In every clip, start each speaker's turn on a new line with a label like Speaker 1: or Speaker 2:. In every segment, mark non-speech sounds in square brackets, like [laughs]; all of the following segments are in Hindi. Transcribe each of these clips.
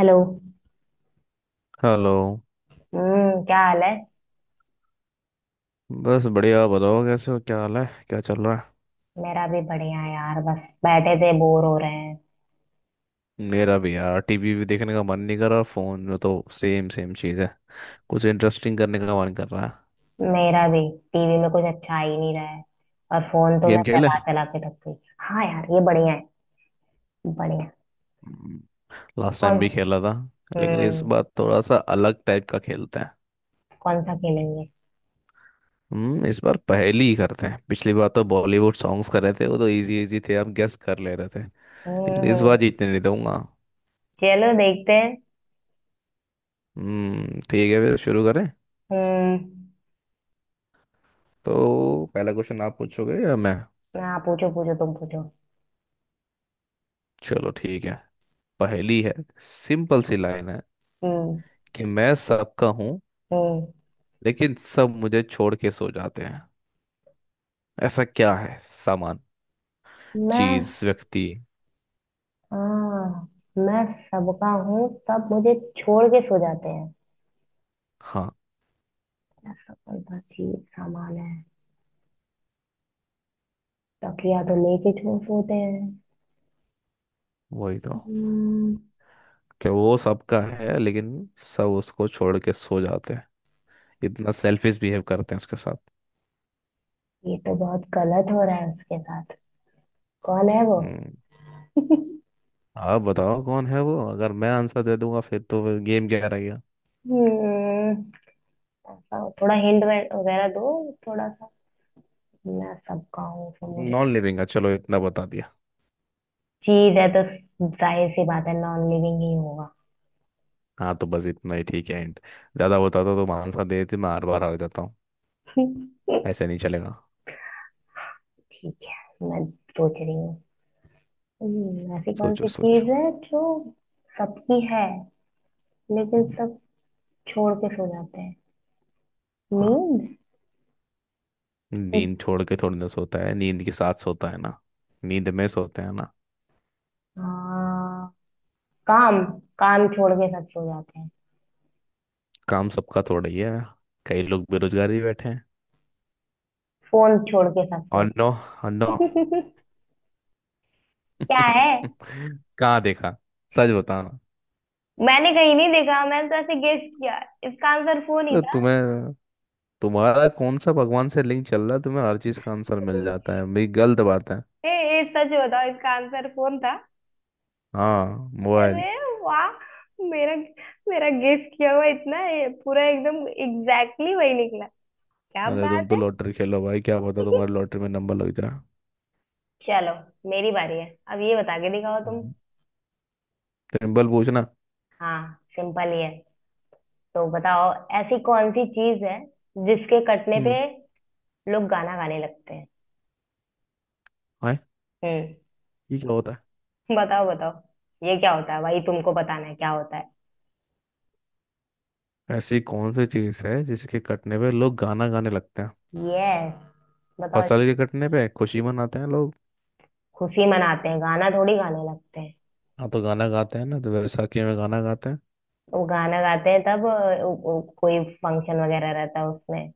Speaker 1: हेलो।
Speaker 2: हेलो।
Speaker 1: हम्म, क्या हाल है।
Speaker 2: बस बढ़िया, आप बताओ कैसे हो? क्या हाल है? क्या चल रहा है?
Speaker 1: मेरा भी बढ़िया है यार, बस बैठे थे, बोर हो रहे हैं।
Speaker 2: मेरा भी यार, टीवी भी देखने का मन नहीं कर रहा और फोन में तो सेम सेम चीज़ है। कुछ इंटरेस्टिंग करने का मन कर रहा है।
Speaker 1: मेरा भी। टीवी में कुछ अच्छा आ ही नहीं रहा है और फोन तो मैं
Speaker 2: गेम खेले?
Speaker 1: चला चला के थक गई। हाँ यार, ये बढ़िया है। बढ़िया।
Speaker 2: लास्ट
Speaker 1: कौन।
Speaker 2: टाइम भी खेला था। लेकिन इस
Speaker 1: हम्म।
Speaker 2: बार थोड़ा सा अलग टाइप का खेलते हैं।
Speaker 1: कौन सा खेलेंगे।
Speaker 2: हम्म, इस बार पहेली ही करते हैं। पिछली बार तो बॉलीवुड सॉन्ग्स कर रहे थे, वो तो इजी इजी थे, आप गेस कर ले रहे थे। लेकिन इस बार
Speaker 1: हम्म।
Speaker 2: जीतने नहीं दूंगा।
Speaker 1: चलो देखते हैं।
Speaker 2: हम्म, ठीक है, फिर शुरू करें।
Speaker 1: हम्म।
Speaker 2: तो पहला क्वेश्चन आप पूछोगे या मैं?
Speaker 1: हाँ, पूछो पूछो तुम पूछो।
Speaker 2: चलो ठीक है। पहेली है। सिंपल सी लाइन है
Speaker 1: हम्म।
Speaker 2: कि मैं सबका हूँ,
Speaker 1: हम्म।
Speaker 2: लेकिन सब मुझे छोड़ के सो जाते हैं। ऐसा क्या है? सामान,
Speaker 1: मैं।
Speaker 2: चीज, व्यक्ति?
Speaker 1: हाँ। मैं सबका हूँ, सब मुझे छोड़ के सो जाते हैं।
Speaker 2: हाँ।
Speaker 1: मेरा सपना, चीज, सामान है। तब या तो लेके झूठ होते हैं।
Speaker 2: वही तो,
Speaker 1: हम्म।
Speaker 2: कि वो सबका है लेकिन सब उसको छोड़ के सो जाते हैं। इतना सेल्फिश बिहेव करते हैं उसके साथ।
Speaker 1: ये तो बहुत गलत हो रहा है उसके साथ। कौन है वो।
Speaker 2: हम्म, आप बताओ कौन है वो? अगर मैं आंसर दे दूंगा फिर तो फिर गेम क्या रह गया?
Speaker 1: हम्म, ऐसा थोड़ा हिंट वगैरह दो। थोड़ा सा। मैं सबका हूँ तो मुझे।
Speaker 2: नॉन लिविंग है, चलो इतना बता दिया।
Speaker 1: चीज है तो जाहिर सी बात है नॉन लिविंग ही होगा।
Speaker 2: हाँ तो बस इतना ही ठीक है, एंड ज्यादा बताता तो मैं आंसर दे देती। मैं हर बार हार जाता हूँ,
Speaker 1: [laughs]
Speaker 2: ऐसे नहीं चलेगा।
Speaker 1: ठीक है, मैं सोच रही हूँ। ऐसी कौन
Speaker 2: सोचो
Speaker 1: सी
Speaker 2: सोचो।
Speaker 1: चीज है जो सबकी है लेकिन
Speaker 2: हम्म,
Speaker 1: सब छोड़ के सो जाते हैं।
Speaker 2: हाँ।
Speaker 1: नींद।
Speaker 2: नींद छोड़ के थोड़ी ना सोता है, नींद के साथ सोता है ना। नींद में सोते हैं ना।
Speaker 1: हाँ। काम। काम छोड़ के सब सो जाते हैं।
Speaker 2: काम सबका थोड़ा ही है, कई लोग बेरोजगार भी बैठे हैं।
Speaker 1: फोन छोड़ के सब सो
Speaker 2: और नो। और नो।
Speaker 1: जाते हैं। [laughs] क्या है।
Speaker 2: [laughs] कहाँ देखा? सच बताना।
Speaker 1: मैंने कहीं नहीं देखा, मैंने तो ऐसे गेस किया। इसका आंसर फोन ही
Speaker 2: तो
Speaker 1: था।
Speaker 2: तुम्हें तुम्हारा कौन सा भगवान से लिंक चल रहा है? तुम्हें हर चीज का आंसर मिल
Speaker 1: [laughs]
Speaker 2: जाता है भाई, गलत बात है।
Speaker 1: ए, सच बताओ, इसका आंसर फोन था।
Speaker 2: हाँ। मोबाइल।
Speaker 1: अरे वाह। मेरा। मेरा गेस किया हुआ इतना ये पूरा एकदम एग्जैक्टली exactly वही निकला। क्या
Speaker 2: अरे तुम
Speaker 1: बात
Speaker 2: तो
Speaker 1: है।
Speaker 2: लॉटरी खेलो भाई, क्या पता तुम्हारे
Speaker 1: [laughs]
Speaker 2: लॉटरी में नंबर लग जाए।
Speaker 1: चलो, मेरी बारी है। अब ये बता के दिखाओ तुम।
Speaker 2: हम्म। सिंपल पूछना।
Speaker 1: हाँ सिंपल ही है। तो बताओ, ऐसी कौन सी चीज है जिसके कटने
Speaker 2: हम्म।
Speaker 1: पे लोग गाना गाने लगते हैं।
Speaker 2: हाय,
Speaker 1: हम्म।
Speaker 2: ये क्या होता है?
Speaker 1: बताओ बताओ, ये क्या होता है भाई, तुमको बताना है क्या होता है।
Speaker 2: ऐसी कौन सी चीज है जिसके कटने पे लोग गाना गाने लगते हैं?
Speaker 1: यस, बताओ।
Speaker 2: फसल के कटने पे खुशी मनाते हैं लोग,
Speaker 1: खुशी मनाते हैं, गाना थोड़ी गाने लगते हैं।
Speaker 2: हाँ तो गाना गाते हैं ना, तो वैसाखी में गाना गाते हैं।
Speaker 1: वो गाना गाते हैं तब वो कोई फंक्शन वगैरह रहता है उसमें।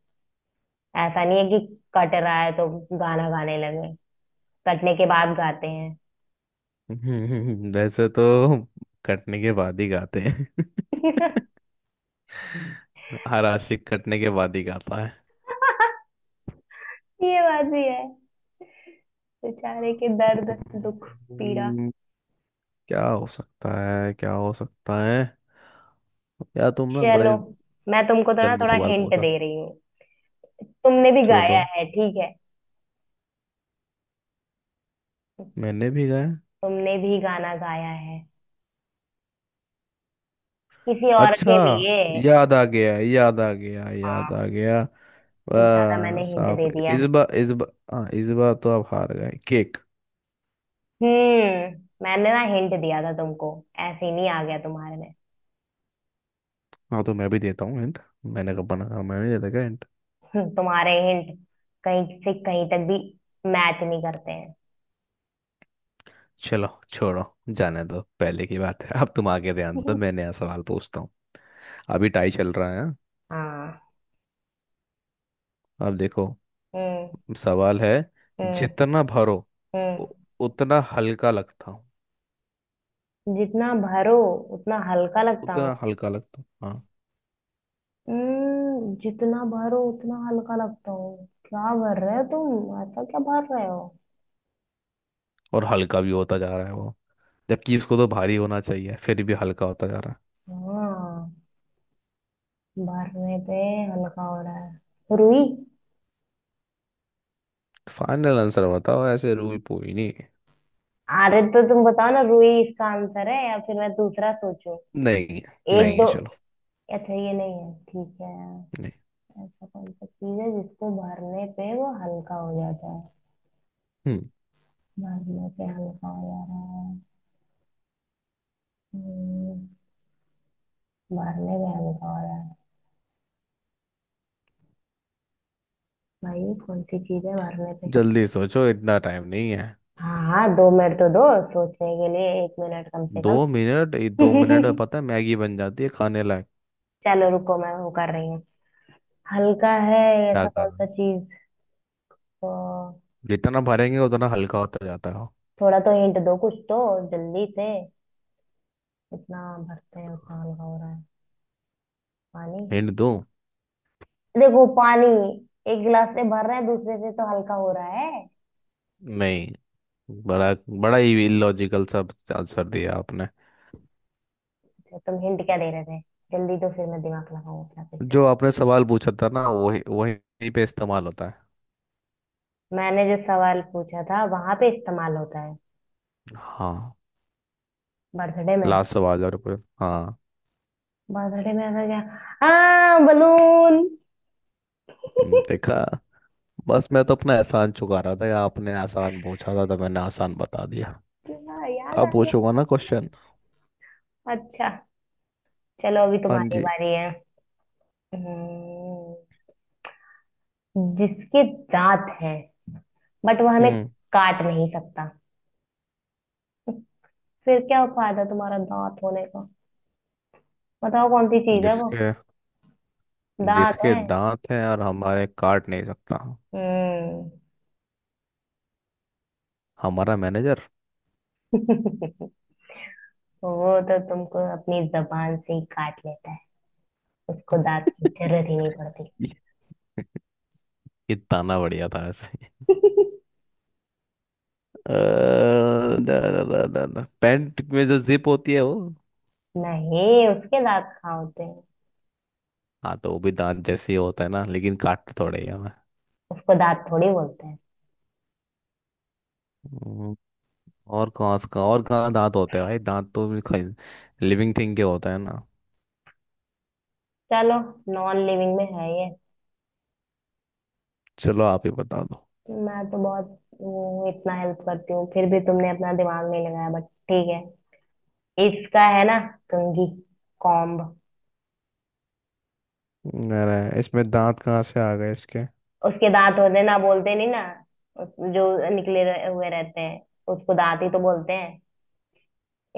Speaker 1: ऐसा नहीं है कि कट रहा है तो गाना गाने लगे। कटने के बाद गाते
Speaker 2: [laughs] वैसे तो कटने के बाद ही गाते हैं। [laughs]
Speaker 1: हैं।
Speaker 2: हर आशिक कटने के बाद ही गाता है।
Speaker 1: [laughs] ये बात भी है। बेचारे के दर्द, दुख, पीड़ा।
Speaker 2: हम्म, क्या हो सकता है, क्या हो सकता है? यार तुम ना
Speaker 1: चलो,
Speaker 2: बड़े
Speaker 1: मैं तुमको तो ना
Speaker 2: गंदे
Speaker 1: थोड़ा
Speaker 2: सवाल
Speaker 1: हिंट
Speaker 2: पूछा।
Speaker 1: दे रही हूँ। तुमने भी
Speaker 2: चलो दो,
Speaker 1: गाया है, ठीक है।
Speaker 2: मैंने भी गाया।
Speaker 1: तुमने भी गाना गाया है किसी और
Speaker 2: अच्छा,
Speaker 1: के लिए।
Speaker 2: याद आ गया, याद आ गया, याद आ
Speaker 1: हाँ।
Speaker 2: गया।
Speaker 1: कुछ ज्यादा
Speaker 2: वाह
Speaker 1: मैंने हिंट
Speaker 2: साहब।
Speaker 1: दे दिया।
Speaker 2: इस बार, इस बार हाँ, इस बार तो आप हार गए केक।
Speaker 1: हम्म। मैंने ना हिंट दिया था तुमको, ऐसे ही नहीं आ गया तुम्हारे में।
Speaker 2: हाँ तो मैं भी देता हूँ हिंट। मैंने कब बना? हाँ, मैं भी देता क्या हिंट?
Speaker 1: तुम्हारे हिंट कहीं से कहीं तक भी मैच नहीं करते हैं।
Speaker 2: चलो छोड़ो, जाने दो, पहले की बात है। [laughs] अब तुम आगे ध्यान दो, मैं
Speaker 1: [laughs]
Speaker 2: नया सवाल पूछता हूँ। अभी टाई चल रहा है, हाँ?
Speaker 1: हाँ।
Speaker 2: अब देखो,
Speaker 1: हम्म।
Speaker 2: सवाल है।
Speaker 1: हम्म।
Speaker 2: जितना भरो,
Speaker 1: हम्म।
Speaker 2: उ- उतना हल्का लगता हूँ।
Speaker 1: जितना भरो उतना हल्का लगता हूँ।
Speaker 2: उतना हल्का लगता हूँ, हाँ।
Speaker 1: जितना भरो उतना हल्का लगता हूँ, क्या भर रहे हो तुम, ऐसा क्या भर रहे हो।
Speaker 2: और हल्का भी होता जा रहा है वो, जबकि उसको तो भारी होना चाहिए, फिर भी हल्का होता जा रहा
Speaker 1: हाँ, भरने पे हल्का हो रहा है, रुई।
Speaker 2: है। फाइनल आंसर बताओ, ऐसे रूई पोई नहीं है।
Speaker 1: अरे तो तुम बताओ ना, रुई इसका आंसर है या फिर मैं दूसरा सोचूं।
Speaker 2: नहीं है,
Speaker 1: एक
Speaker 2: नहीं
Speaker 1: दो।
Speaker 2: है। चलो
Speaker 1: अच्छा ये नहीं है, ठीक है।
Speaker 2: नहीं।
Speaker 1: ऐसा कौन सा चीज है जिसको भरने पे वो हल्का हो जाता है।
Speaker 2: हम्म,
Speaker 1: भरने पे हल्का हो जा रहा है। हम्म, भरने पे हल्का हो रहा है। भाई कौन सी चीज है मारने पे।
Speaker 2: जल्दी सोचो, इतना टाइम नहीं है।
Speaker 1: हाँ हाँ, 2 मिनट तो दो, सोचने के लिए 1 मिनट कम से
Speaker 2: दो मिनट, ये दो मिनट में
Speaker 1: कम। [laughs]
Speaker 2: पता है मैगी बन जाती है खाने लायक।
Speaker 1: चलो रुको, मैं वो कर रही हूँ। हल्का है।
Speaker 2: क्या
Speaker 1: ऐसा कौन
Speaker 2: कर रहे
Speaker 1: सा
Speaker 2: हो?
Speaker 1: चीज, तो
Speaker 2: जितना भरेंगे उतना हल्का होता जाता है।
Speaker 1: थोड़ा तो हिंट दो कुछ तो, जल्दी से। जितना भरते हैं उतना हल्का हो रहा है। पानी।
Speaker 2: हिंट दूं?
Speaker 1: देखो पानी, एक गिलास से भर रहे हैं दूसरे से तो हल्का हो रहा है।
Speaker 2: नहीं, बड़ा बड़ा ही इलॉजिकल सब आंसर दिया आपने।
Speaker 1: अच्छा, तुम हिंट क्या दे रहे थे जल्दी, तो फिर मैं दिमाग लगाऊं अपना फिर से।
Speaker 2: जो आपने सवाल पूछा था ना, वही वही पे इस्तेमाल होता है।
Speaker 1: मैंने जो सवाल पूछा था वहां पे इस्तेमाल होता है।
Speaker 2: हाँ।
Speaker 1: बर्थडे में।
Speaker 2: लास्ट सवाल और पूछ- हाँ।
Speaker 1: बर्थडे में ऐसा क्या। हाँ, बलून।
Speaker 2: देखा? बस मैं तो अपना एहसान चुका रहा था, या आपने आसान पूछा था तो मैंने आसान बता दिया।
Speaker 1: क्या याद
Speaker 2: अब
Speaker 1: आ गया।
Speaker 2: पूछूंगा ना क्वेश्चन।
Speaker 1: अच्छा। चलो अभी
Speaker 2: हाँ
Speaker 1: तुम्हारी
Speaker 2: जी।
Speaker 1: बारी है। हम्म, जिसके दांत हैं बट वो हमें
Speaker 2: हम्म,
Speaker 1: काट नहीं सकता, फिर क्या फायदा तुम्हारा दांत होने का। बताओ कौन सी चीज है वो।
Speaker 2: जिसके
Speaker 1: दांत
Speaker 2: जिसके
Speaker 1: है।
Speaker 2: दांत हैं और हमारे काट नहीं सकता।
Speaker 1: हम्म।
Speaker 2: हमारा मैनेजर।
Speaker 1: [laughs] वो तो तुमको अपनी जबान से ही काट लेता है, उसको दांत की जरूरत ही नहीं पड़ती।
Speaker 2: [laughs] ये ये ताना बढ़िया था ऐसे। अ, दा, दा, दा, दा, दा। पैंट में जो जिप होती है वो।
Speaker 1: नहीं, उसके दांत कहाँ होते हैं।
Speaker 2: हाँ तो वो भी दांत जैसे ही होता है ना, लेकिन काटते थोड़े ही हमें।
Speaker 1: उसको दांत थोड़ी बोलते हैं।
Speaker 2: हम्म, और कहाँ से कहाँ, और कहाँ दांत होते हैं भाई? दांत तो लिविंग थिंग के होता है ना।
Speaker 1: चलो, नॉन लिविंग में है ये।
Speaker 2: चलो आप ही बता दो।
Speaker 1: मैं तो बहुत वो इतना हेल्प करती हूँ, फिर भी तुमने अपना दिमाग नहीं लगाया बट ठीक है। इसका है ना कंघी, कॉम्ब।
Speaker 2: अरे इसमें दांत कहाँ से आ गए इसके?
Speaker 1: उसके दांत होते हैं ना, बोलते नहीं ना। जो निकले हुए रहते हैं उसको दांत ही तो बोलते हैं।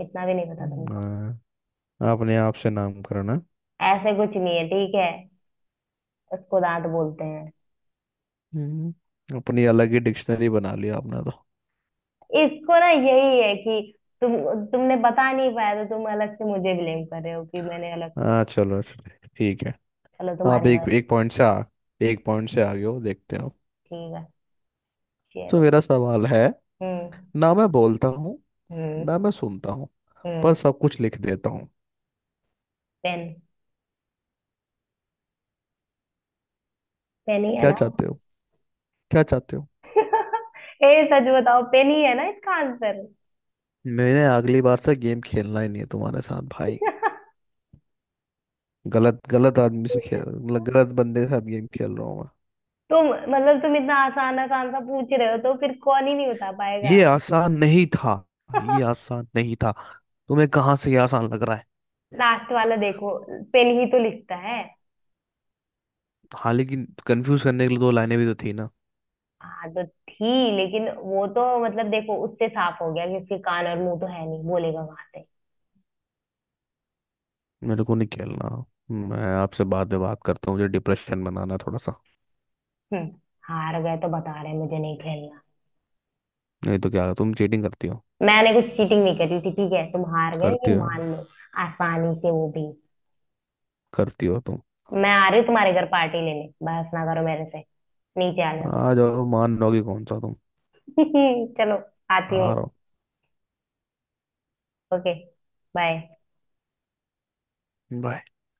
Speaker 1: इतना भी नहीं पता तुमको।
Speaker 2: हम्म, आपने आप से नाम करना।
Speaker 1: ऐसे कुछ नहीं है, ठीक है। उसको दांत बोलते हैं।
Speaker 2: हम्म, अपनी अलग ही डिक्शनरी बना ली आपने तो।
Speaker 1: इसको ना यही है कि तुमने बता नहीं पाया तो तुम अलग से मुझे ब्लेम कर रहे हो कि मैंने अलग से।
Speaker 2: हाँ, चलो चलो, ठीक है।
Speaker 1: चलो
Speaker 2: आप
Speaker 1: तुम्हारी
Speaker 2: एक
Speaker 1: बात
Speaker 2: एक पॉइंट से आ, एक पॉइंट से आगे हो देखते हो।
Speaker 1: ठीक है,
Speaker 2: तो
Speaker 1: चलो।
Speaker 2: मेरा सवाल है,
Speaker 1: हम्म।
Speaker 2: ना मैं बोलता हूँ,
Speaker 1: हम्म।
Speaker 2: ना मैं सुनता हूँ, पर
Speaker 1: हम्म।
Speaker 2: सब कुछ लिख देता हूँ।
Speaker 1: पेन। पेन ही है
Speaker 2: क्या
Speaker 1: ना।
Speaker 2: चाहते हो? क्या चाहते हो?
Speaker 1: ए सच बताओ, पेन ही है ना इसका आंसर।
Speaker 2: मैंने अगली बार से गेम खेलना ही नहीं है तुम्हारे साथ भाई। गलत, गलत आदमी से खेल, मतलब गलत बंदे के साथ गेम खेल रहा हूँ।
Speaker 1: तुम, मतलब तुम इतना आसान आसान सा पूछ रहे हो तो फिर कौन ही नहीं बता पाएगा।
Speaker 2: ये आसान नहीं था, ये
Speaker 1: [laughs]
Speaker 2: आसान नहीं था। तुम्हें कहाँ से ये आसान लग रहा है?
Speaker 1: लास्ट वाला देखो, पेन ही तो लिखता है।
Speaker 2: हाँ लेकिन कंफ्यूज करने के लिए दो लाइनें भी तो थी ना।
Speaker 1: हाँ तो थी, लेकिन वो तो मतलब देखो, उससे साफ हो गया कि उसके कान और मुंह तो है नहीं, बोलेगा कहाँ से।
Speaker 2: मेरे को नहीं खेलना। मैं आपसे बाद में बात करता हूँ, मुझे डिप्रेशन बनाना है थोड़ा सा।
Speaker 1: हम्म, हार गए तो बता रहे मुझे नहीं खेलना।
Speaker 2: नहीं तो क्या तुम चीटिंग करती हो?
Speaker 1: मैंने कुछ चीटिंग नहीं करी थी, ठीक है, तुम हार गए
Speaker 2: करती
Speaker 1: ये
Speaker 2: हो,
Speaker 1: मान लो। आसानी से, वो भी।
Speaker 2: करती हो तुम।
Speaker 1: मैं आ रही हूँ तुम्हारे घर पार्टी लेने, बहस ना करो मेरे से, नीचे आने दो।
Speaker 2: आ जाओ, मान लोगी कौन सा तुम।
Speaker 1: [laughs] चलो,
Speaker 2: आ
Speaker 1: आती हूँ।
Speaker 2: रहा हूँ।
Speaker 1: ओके। बाय।
Speaker 2: Bye.